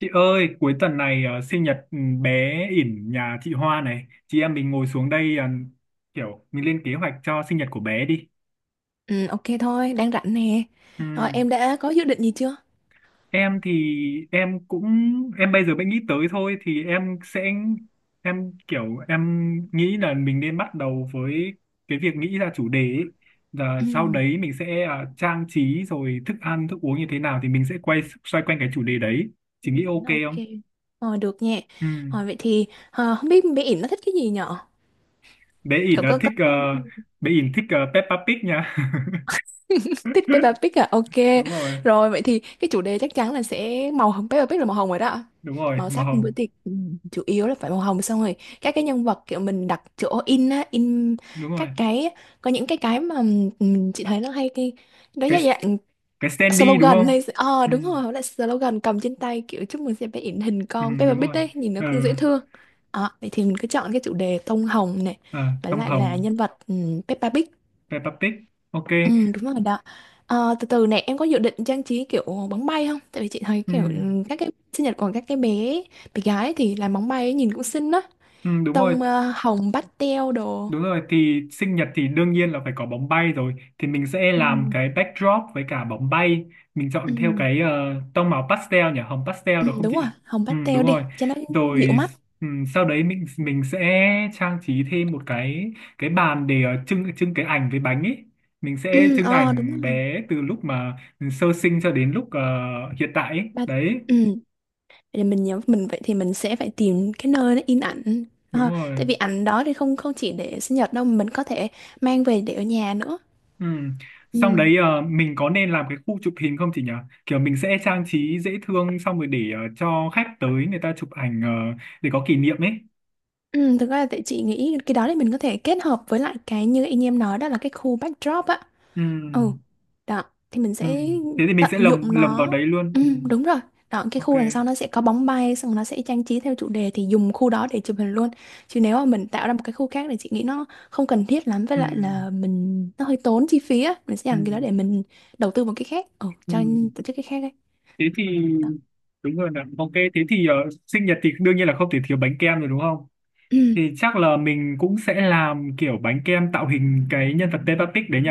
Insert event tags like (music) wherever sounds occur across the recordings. Chị ơi, cuối tuần này sinh nhật bé ỉn nhà chị Hoa này. Chị em mình ngồi xuống đây kiểu mình lên kế hoạch cho sinh nhật của bé đi. Ừ, ok thôi, đang rảnh nè. Rồi, Ừm, em đã có dự định gì chưa? em thì em cũng em bây giờ mới nghĩ tới thôi thì em sẽ em kiểu em nghĩ là mình nên bắt đầu với cái việc nghĩ ra chủ đề ấy. Và Ừ, sau đấy mình sẽ trang trí rồi thức ăn, thức uống như thế nào thì mình sẽ xoay quanh cái chủ đề đấy. Chị Ừ, nghĩ ok ok. không? Rồi, được nha. Rồi, Ừm. vậy thì không biết bé ỉn nó thích cái gì nhở? Bé ỉn Cậu là có thích ờ, Bé ỉn thích Peppa Pig nha. (laughs) (laughs) thích Peppa Pig à? Ok. Đúng rồi. Rồi, vậy thì cái chủ đề chắc chắn là sẽ màu hồng. Peppa Pig là màu hồng rồi đó. Đúng rồi, Màu màu sắc bữa hồng. tiệc chủ yếu là phải màu hồng xong rồi. Các cái nhân vật kiểu mình đặt chỗ in Đúng rồi, các cái, có những cái mà ừ, chị thấy nó hay cái, đó cái là dạng cái Sandy đúng slogan không? hay Ừ. đúng rồi lại slogan cầm trên tay kiểu chúc mừng sẽ bé in hình Ừ, con đúng Peppa Pig rồi. đấy nhìn nó Ừ. cũng dễ thương. Vậy thì mình cứ chọn cái chủ đề tông hồng này À, với tông lại là hồng. nhân vật Peppa Pig. Peppa Pig. Ok. Ừ, đúng rồi đó. Từ từ này em có dự định trang trí kiểu bóng bay không, tại vì chị thấy Ừ. kiểu các cái sinh nhật của các cái bé bé gái thì làm bóng bay ấy, nhìn cũng xinh đó, Ừ, đúng rồi. tông hồng pastel đồ. Đúng rồi thì sinh nhật thì đương nhiên là phải có bóng bay, rồi thì mình sẽ Ừ. làm cái backdrop với cả bóng bay. Mình chọn theo Ừ, cái tông màu pastel nhỉ, hồng pastel ừ, được không đúng chị? rồi hồng Ừ, pastel đúng rồi. đi cho nó dịu Rồi. mắt. Ừ. Sau đấy mình sẽ trang trí thêm một cái bàn để trưng trưng cái ảnh với bánh ấy. Mình sẽ Ừ, trưng đúng ảnh rồi bé từ lúc mà sơ sinh cho đến lúc hiện tại ấy. ba Đấy. ừ. Vậy là mình nhắm mình vậy thì mình sẽ phải tìm cái nơi nó in ảnh. Đúng rồi. Tại vì ảnh đó thì không không chỉ để sinh nhật đâu mà mình có thể mang về để ở nhà nữa. Ừ. Ừ. Xong đấy mình có nên làm cái khu chụp hình không chị nhỉ? Kiểu mình sẽ trang trí dễ thương xong rồi để cho khách tới người ta chụp ảnh để có kỷ niệm ấy. Ừ, thực ra là tại chị nghĩ cái đó thì mình có thể kết hợp với lại cái như anh em nói đó là cái khu backdrop á. Ừ. Ừ, đó, thì mình Ừ. sẽ Thế thì mình tận sẽ lồng dụng lồng vào nó. đấy luôn. Ừ, Ừ. đúng rồi. Đó, cái Ok. khu đằng sau nó sẽ có bóng bay, xong nó sẽ trang trí theo chủ đề thì dùng khu đó để chụp hình luôn. Chứ nếu mà mình tạo ra một cái khu khác thì chị nghĩ nó không cần thiết lắm, với Ừ. lại là mình nó hơi tốn chi phí á. Mình sẽ Ừ. dành cái đó để mình đầu tư một cái khác. Ừ, Ừ. cho tổ chức cái khác đấy. Thế thì Đó. đúng rồi nè. Ok, thế thì sinh nhật thì đương nhiên là không thể thiếu bánh kem rồi đúng không? Ừ. Thì chắc là mình cũng sẽ làm kiểu bánh kem tạo hình cái nhân vật Peppa Pig đấy nhỉ?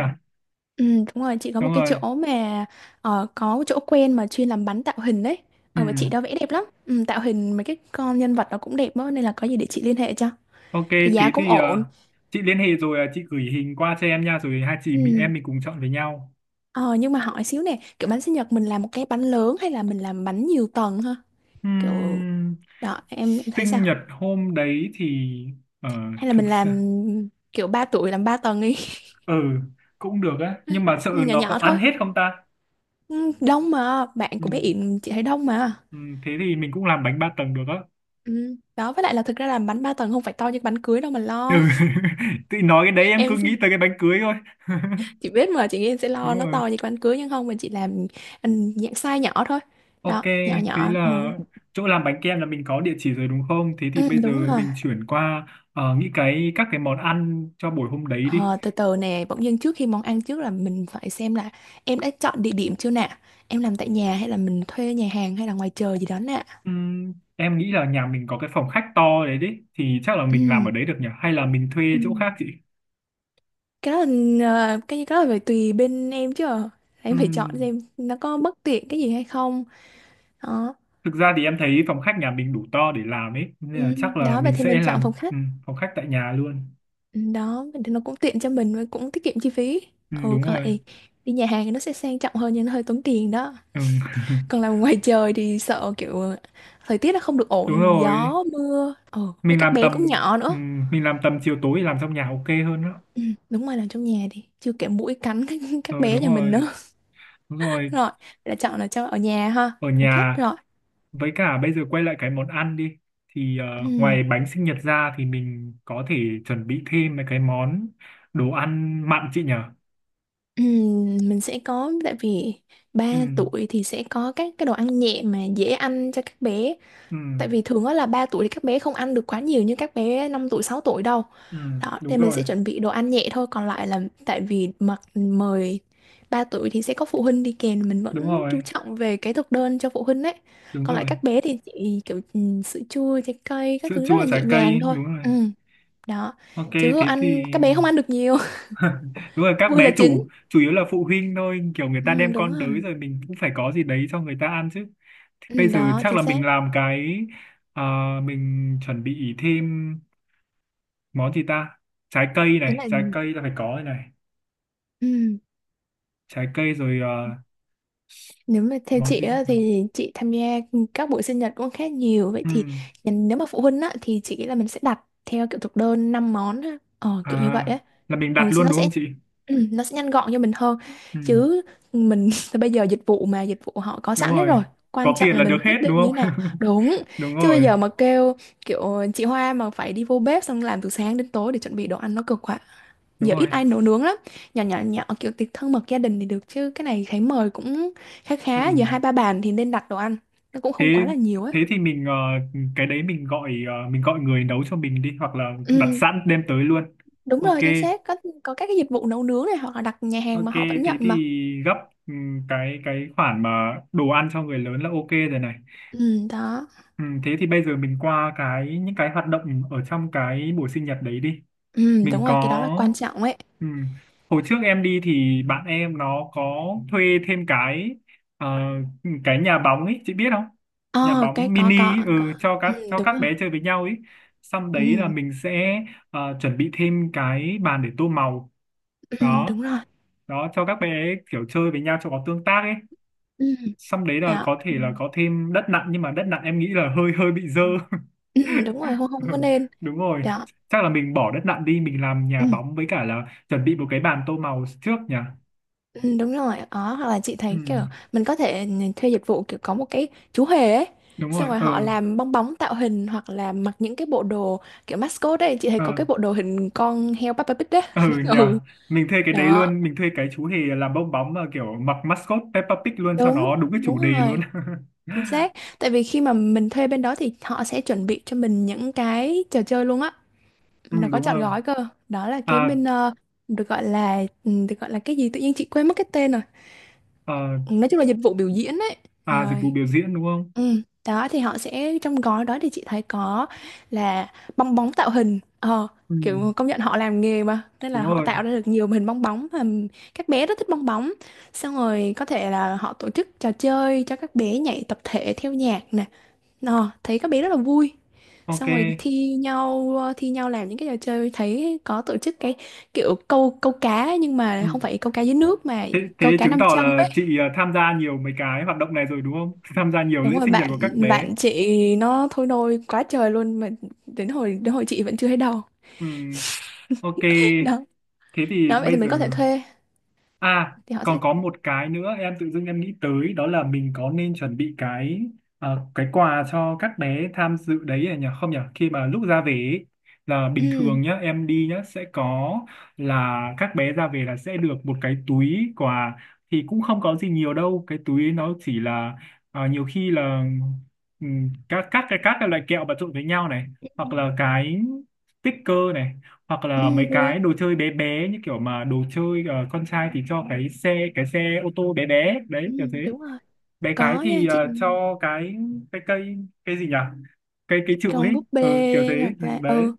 Ừ, đúng rồi, chị có một Đúng cái rồi. chỗ mà có một chỗ quen mà chuyên làm bánh tạo hình đấy. Ừ. Và chị đó vẽ đẹp lắm. Ừ, tạo hình mấy cái con nhân vật nó cũng đẹp đó, nên là có gì để chị liên hệ cho. Ok, Thì giá thế cũng thì ổn. chị liên hệ rồi chị gửi hình qua cho em nha, rồi hai chị mình Ừ. em mình cùng chọn với nhau. ờ nhưng mà hỏi xíu nè, kiểu bánh sinh nhật mình làm một cái bánh lớn hay là mình làm bánh nhiều tầng ha, kiểu Ừm, đó em thấy sao, sinh nhật hôm đấy thì ờ, hay là thực mình làm ra kiểu 3 tuổi làm ba tầng đi. ừ cũng được á, (laughs) nhưng mà sợ Ừ, nhỏ nó có nhỏ thôi. ăn hết không ta? Ừ, đông mà, bạn của bé Ừm, Yển chị thấy đông mà. thế thì mình cũng làm bánh ba tầng được á. Ừ. Đó với lại là thực ra làm bánh 3 tầng không phải to như bánh cưới đâu mà Ừ. lo. (laughs) Tự nói cái đấy (laughs) em cứ nghĩ Em, tới cái bánh cưới thôi. (laughs) chị biết mà, chị nghĩ em sẽ Đúng lo nó rồi. to như bánh cưới nhưng không mà, chị làm ừ, dạng size nhỏ thôi, Ok, đó nhỏ thế nhỏ là ừ. chỗ làm bánh kem là mình có địa chỉ rồi đúng không? Thế thì Ừ, bây giờ đúng rồi. mình chuyển qua nghĩ các cái món ăn cho buổi hôm đấy đi. Ờ, Từ từ nè, bỗng dưng trước khi món ăn, trước là mình phải xem là em đã chọn địa điểm chưa nè, em làm tại nhà hay là mình thuê nhà hàng hay là ngoài trời gì đó nè. Em nghĩ là nhà mình có cái phòng khách to đấy đấy, thì chắc là mình làm ở Ừm, đấy được nhỉ? Hay là mình thuê chỗ Ừ. khác chị? Cái đó là cái đó là phải tùy bên em chứ. Ờ. Em phải chọn Ừm, xem nó có bất tiện cái gì hay không. Đó. thực ra thì em thấy phòng khách nhà mình đủ to để làm ấy, nên là chắc là Đó vậy mình thì sẽ mình chọn làm phòng khách. Phòng khách tại nhà luôn. Đó, vậy thì nó cũng tiện cho mình và cũng tiết kiệm chi phí. Ừ, Đúng còn rồi. lại đi nhà hàng thì nó sẽ sang trọng hơn nhưng nó hơi tốn tiền đó. Ừm, Còn (laughs) làm ngoài trời thì sợ kiểu thời tiết nó không được đúng ổn, rồi. gió, mưa. Ừ, với Mình các làm bé tầm cũng nhỏ nữa. mình làm tầm chiều tối làm trong nhà ok hơn đó. Ừ, đúng rồi, làm trong nhà đi. Chưa kể muỗi cắn các Rồi, bé đúng nhà mình rồi. nữa. Đúng (laughs) rồi, Rồi, là chọn là cho ở nhà ha, ở phòng khách nhà. rồi. Với cả bây giờ quay lại cái món ăn đi thì Ừ, ngoài bánh sinh nhật ra thì mình có thể chuẩn bị thêm mấy cái món đồ ăn mặn chị nhở? ừ, mình sẽ có, tại vì ba Ừ. tuổi thì sẽ có các cái đồ ăn nhẹ mà dễ ăn cho các bé. Ừ. Tại vì thường đó là 3 tuổi thì các bé không ăn được quá nhiều như các bé 5 tuổi, 6 tuổi đâu. Ừ, Đó, đúng thì mình rồi. sẽ chuẩn bị đồ ăn nhẹ thôi, còn lại là tại vì mặc mời 3 tuổi thì sẽ có phụ huynh đi kèm, mình Đúng vẫn rồi. chú trọng về cái thực đơn cho phụ huynh đấy. Đúng Còn lại rồi, các bé thì chỉ kiểu sữa chua, trái cây, các sữa thứ rất chua, là trái nhẹ cây. nhàng thôi. Đúng rồi. Ừ, đó. Ok, Chứ không thế thì ăn, các bé không ăn được nhiều, (laughs) đúng rồi (laughs) các vui bé là chính. chủ chủ yếu là phụ huynh thôi, kiểu người ta Ừ, đem đúng con đới rồi. rồi mình cũng phải có gì đấy cho người ta ăn chứ. Thì bây Ừ, giờ đó, chắc chính là xác. mình làm cái ờ, mình chuẩn bị thêm món gì ta, trái cây Thế này, là trái cây là phải có rồi này, ừ. trái cây rồi, Nếu mà theo món chị gì? á, thì chị tham gia các buổi sinh nhật cũng khá nhiều, vậy Ừ. thì nếu mà phụ huynh á, thì chị nghĩ là mình sẽ đặt theo kiểu thực đơn 5 món á. Kiểu như vậy À, á. là mình đặt Ừ, thì luôn nó đúng sẽ không chị? ừ, nó sẽ nhanh gọn cho mình hơn, Ừ. chứ mình (laughs) bây giờ dịch vụ họ có Đúng sẵn hết rồi, rồi, quan có trọng tiền là là được mình hết quyết đúng định như thế không? nào. Đúng. (laughs) Đúng Chứ bây rồi. giờ mà kêu kiểu chị Hoa mà phải đi vô bếp xong làm từ sáng đến tối để chuẩn bị đồ ăn nó cực quá. Đúng Giờ ít rồi. ai nấu nướng lắm. Nhỏ nhỏ nhỏ kiểu tiệc thân mật gia đình thì được, chứ cái này thấy mời cũng khá Ừ. khá, giờ hai ba bàn thì nên đặt đồ ăn, nó cũng thế không quá là nhiều ấy. thế thì mình ờ, cái đấy mình gọi ờ, mình gọi người nấu cho mình đi hoặc là đặt Ừ, sẵn đem tới luôn. đúng Ok. rồi, chính xác. Có các cái dịch vụ nấu nướng này, hoặc là đặt nhà hàng Ok, mà họ vẫn thế nhận thì mà. gấp cái khoản mà đồ ăn cho người lớn là ok rồi này. Ừ, đó. Ừ, thế thì bây giờ mình qua những cái hoạt động ở trong cái buổi sinh nhật đấy đi. Ừ, Mình đúng rồi cái đó là có quan trọng ấy. ừ, hồi trước em đi thì bạn em nó có thuê thêm ờ, cái nhà bóng ấy, chị biết không? Nhà Ờ cái bóng mini ấy, có có. Ừ, cho đúng các rồi. bé chơi với nhau ấy. Xong đấy là Ừ, mình sẽ chuẩn bị thêm cái bàn để tô màu ừ, đó, đúng rồi. Cho các bé kiểu chơi với nhau cho có tương tác ấy. Ừ, Xong đấy là đó. có thể là có thêm đất nặn nhưng mà đất nặn em nghĩ là hơi hơi bị dơ. Ừ, đúng rồi không không có (laughs) nên Đúng rồi, đó chắc là mình bỏ đất nặn đi, mình làm nhà ừ. bóng với cả là chuẩn bị một cái bàn tô màu trước nhỉ. Ừ, đúng rồi đó, hoặc là chị Ừ, thấy kiểu mình có thể thuê dịch vụ kiểu có một cái chú hề ấy, đúng xong rồi. rồi ờ họ làm bong bóng tạo hình hoặc là mặc những cái bộ đồ kiểu mascot ấy, chị thấy có ờ cái bộ đồ hình con heo Peppa Pig đấy. ờ (laughs) nhờ Ừ mình thuê cái đấy đó, luôn, mình thuê cái chú hề làm bong bóng mà kiểu mặc mascot Peppa Pig luôn cho đúng nó đúng cái đúng chủ đề luôn. rồi, (laughs) chính xác. Tại vì khi mà mình thuê bên đó thì họ sẽ chuẩn bị cho mình những cái trò chơi luôn á, Ừ, nó có đúng trọn rồi. gói cơ. Đó là cái à, bên được gọi là cái gì, tự nhiên chị quên mất cái tên rồi. à Nói chung là dịch vụ biểu diễn ấy. à dịch vụ Rồi. biểu diễn đúng không? Ừ, đó thì họ sẽ, trong gói đó thì chị thấy có là bong bóng tạo hình. Ờ Ừ, Kiểu công nhận họ làm nghề mà nên đúng là họ rồi. tạo ra được nhiều hình bong bóng, và các bé rất thích bong bóng. Xong rồi có thể là họ tổ chức trò chơi cho các bé nhảy tập thể theo nhạc nè, thấy các bé rất là vui. Ok. Xong rồi thi nhau làm những cái trò chơi, thấy có tổ chức cái kiểu câu câu cá, nhưng Ừ. mà không phải câu cá dưới nước mà thế thế câu cá chứng nam tỏ châm. là chị à, tham gia nhiều mấy cái hoạt động này rồi đúng không? (laughs) Tham gia nhiều lễ Đúng rồi, sinh nhật bạn của các bé. bạn chị nó thôi nôi quá trời luôn mà, đến hồi chị vẫn chưa thấy đâu. Ừm, ok. (laughs) Đó. thế thì Đó vậy thì bây mình giờ có thể thuê, À, thì họ còn sẽ có một cái nữa em tự dưng em nghĩ tới đó là mình có nên chuẩn bị cái cái quà cho các bé tham dự đấy à nhỉ? Không nhỉ? Khi mà lúc ra về ấy, là bình ừ, thường nhá, em đi nhá sẽ có, là các bé ra về là sẽ được một cái túi quà, thì cũng không có gì nhiều đâu, cái túi ấy nó chỉ là nhiều khi là các cái loại kẹo mà trộn với nhau này, ừ, hoặc là cái sticker này, hoặc là mấy ừ, được. cái đồ chơi bé bé như kiểu mà đồ chơi con trai thì cho cái xe ô tô bé bé Ừ, đấy kiểu thế. đúng rồi. Bé gái Có nha thì chị, cho cái cây cây gì nhỉ, cây cây trượng còn ấy, búp kiểu thế. bê hoặc Ừ, là đấy. ừ,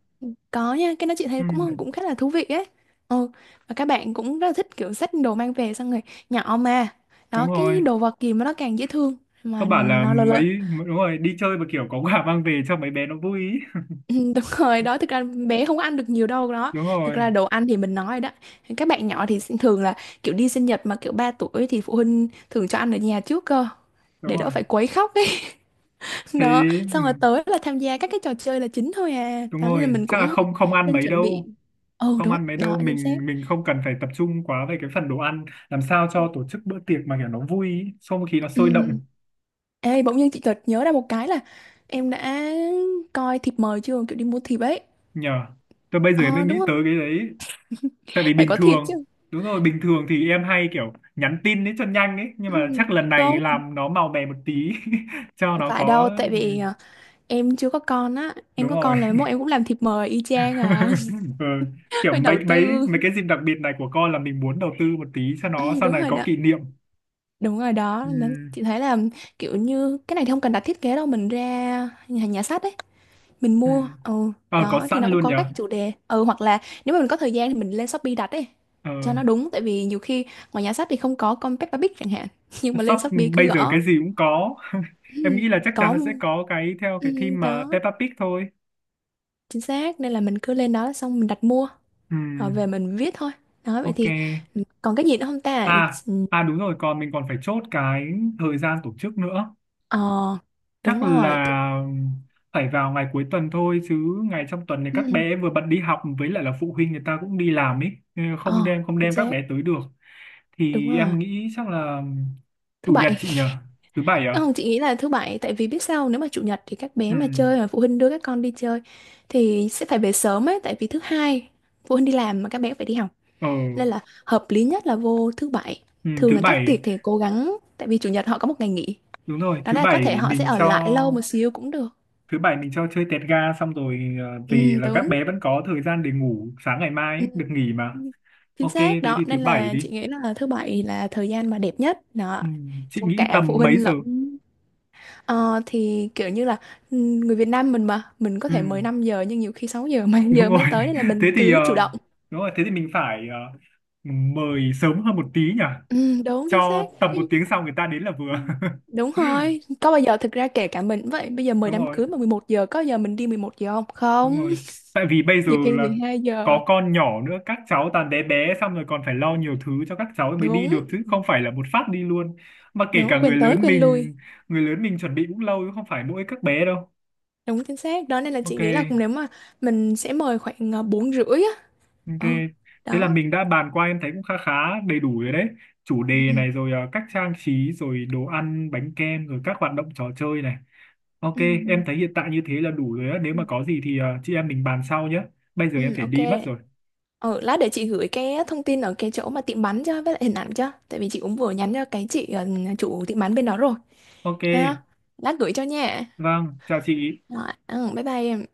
có nha, cái đó chị Ừ, thấy cũng cũng khá là thú vị ấy. Ừ, và các bạn cũng rất là thích kiểu xách đồ mang về xong rồi, nhỏ mà. đúng Đó cái rồi. đồ vật gì mà nó càng dễ thương Các mà bạn là nó lớn lớn. mấy. Đúng rồi, đi chơi mà kiểu có quà mang về cho mấy bé nó vui ý. (laughs) Ừ, đúng rồi đó, thực ra bé không có ăn được nhiều đâu, đó Đúng thực rồi. ra đồ ăn thì mình nói đó, các bạn nhỏ thì sẽ thường là kiểu đi sinh nhật mà kiểu 3 tuổi thì phụ huynh thường cho ăn ở nhà trước cơ, Đúng để đỡ rồi. phải quấy khóc ấy. (laughs) Thế. Đó, Ừ, xong rồi tới là tham gia các cái trò chơi là chính thôi à, đúng đó nên là rồi mình chắc là cũng không không ăn nên mấy chuẩn bị. đâu. Ừ Không đúng ăn mấy đó, đâu, chính xác. mình không cần phải tập trung quá về cái phần đồ ăn, làm sao cho tổ chức bữa tiệc mà kiểu nó vui ý, không khí nó Ừ. sôi động. Ê, bỗng nhiên chị chợt nhớ ra một cái là em đã coi thiệp mời chưa, kiểu đi mua thiệp ấy. Nhờ, tôi bây giờ mới Ờ Đúng nghĩ không? tới cái đấy, tại vì Phải bình có thiệp chứ. thường. Đúng rồi, bình thường thì em hay kiểu nhắn tin ấy cho nhanh ấy, nhưng Ừ. mà chắc lần Không, này làm nó màu mè một tí. (laughs) Cho không nó phải có. đâu, tại Ừ, vì à, em chưa có con á, em đúng có rồi. con là mốt em cũng làm thịt mời y chang à. (laughs) Ừ. (laughs) Kiểu Phải đầu mấy tư. mấy mấy cái dịp đặc biệt này của con là mình muốn đầu tư một tí cho nó Ừ, sau đúng này rồi có đó, kỷ niệm. đúng rồi Ừ. đó. Mà chị thấy là kiểu như cái này thì không cần đặt thiết kế đâu, mình ra nhà sách ấy, mình Ừ. mua. Ừ, Có đó thì sẵn nó cũng luôn có nhờ. các chủ đề. Ừ, hoặc là nếu mà mình có thời gian thì mình lên Shopee đặt ấy, ờ cho nó đúng. Tại vì nhiều khi ngoài nhà sách thì không có con Peppa Pig chẳng hạn, (laughs) nhưng mà shop lên Shopee cứ bây giờ gõ. cái gì cũng có. (laughs) Ừ, Em nghĩ là chắc chắn có, là sẽ có cái theo ừ, cái theme mà đó, Peppa Pig thôi. chính xác. Nên là mình cứ lên đó xong mình đặt mua, rồi về Ừm, mình viết thôi. Đó vậy ok. thì còn cái gì nữa không ta. à Ừ, à đúng rồi, còn mình còn phải chốt cái thời gian tổ chức nữa. ờ Chắc đúng rồi là phải vào ngày cuối tuần thôi chứ ngày trong tuần này ừ, các bé vừa bận đi học với lại là phụ huynh người ta cũng đi làm ấy nên ờ không chính đem các xác, bé tới được. đúng Thì rồi em nghĩ chắc là thứ chủ nhật bảy. chị nhờ? Thứ bảy (laughs) à? Không, chị nghĩ là thứ bảy, tại vì biết sao không? Nếu mà chủ nhật thì các bé Ừ. mà chơi mà phụ huynh đưa các con đi chơi thì sẽ phải về sớm ấy, tại vì thứ hai phụ huynh đi làm mà các bé phải đi học, ờ nên là hợp lý nhất là vô thứ bảy. ừ, Thường thứ là các bảy. tiệc thì cố gắng, tại vì chủ nhật họ có một ngày nghỉ, Đúng rồi, đó là có thể họ sẽ ở lại lâu một xíu cũng được. thứ bảy mình cho chơi tẹt ga xong rồi về Ừ là các đúng. bé vẫn có thời gian để ngủ sáng ngày mai Ừ, ấy, được nghỉ mà. chính Ok, xác thế đó, thì thứ nên bảy là đi. chị nghĩ là thứ bảy là thời gian mà đẹp nhất đó, Ừ, chị cho nghĩ cả phụ tầm mấy huynh giờ? lẫn. Ờ, thì kiểu như là ừ, người Việt Nam mình mà mình có Ừ, thể 15 giờ nhưng nhiều khi 6 giờ 7 (laughs) đúng giờ rồi. mới (laughs) tới, nên là mình Thế thì cứ chủ động. đúng rồi thế thì mình phải mời sớm hơn một tí nhỉ. Ừ, đúng chính Cho xác. tầm một tiếng sau người ta đến là Ừ, vừa. đúng rồi, có bao giờ thực ra kể cả mình cũng vậy, bây giờ (laughs) mời Đúng đám rồi. cưới mà 11 giờ có bao giờ mình đi 11 giờ, không Đúng không, rồi, tại vì bây giờ nhiều khi mười là hai giờ có con nhỏ nữa, các cháu toàn bé bé, xong rồi còn phải lo nhiều thứ cho các cháu mới đi Đúng, được chứ không phải là một phát đi luôn. Mà kể cả đúng quên tới quên lui. Người lớn mình chuẩn bị cũng lâu chứ không phải mỗi các bé đâu. Đúng chính xác. Đó nên là chị Ok. nghĩ là cũng, nếu mà mình sẽ mời khoảng 4 rưỡi á. Ok, Ừ, thế là đó. mình đã bàn qua em thấy cũng khá khá đầy đủ rồi đấy. Chủ đề này (laughs) rồi, à, cách trang trí rồi đồ ăn bánh kem rồi các hoạt động trò chơi này. Ok. Ừ, Em ừ, thấy hiện tại như thế là đủ rồi á, nếu Ừ. Ừ. mà có gì thì à, chị em mình bàn sau nhé. Bây giờ em Ừ, phải ok. đi mất rồi. Ừ, lát để chị gửi cái thông tin ở cái chỗ mà tiệm bánh cho với lại hình ảnh cho. Tại vì chị cũng vừa nhắn cho cái chị chủ tiệm bánh bên đó rồi. Ok. Ha. Lát gửi cho nha. Vâng, chào chị. Rồi, ừ, bye bye em.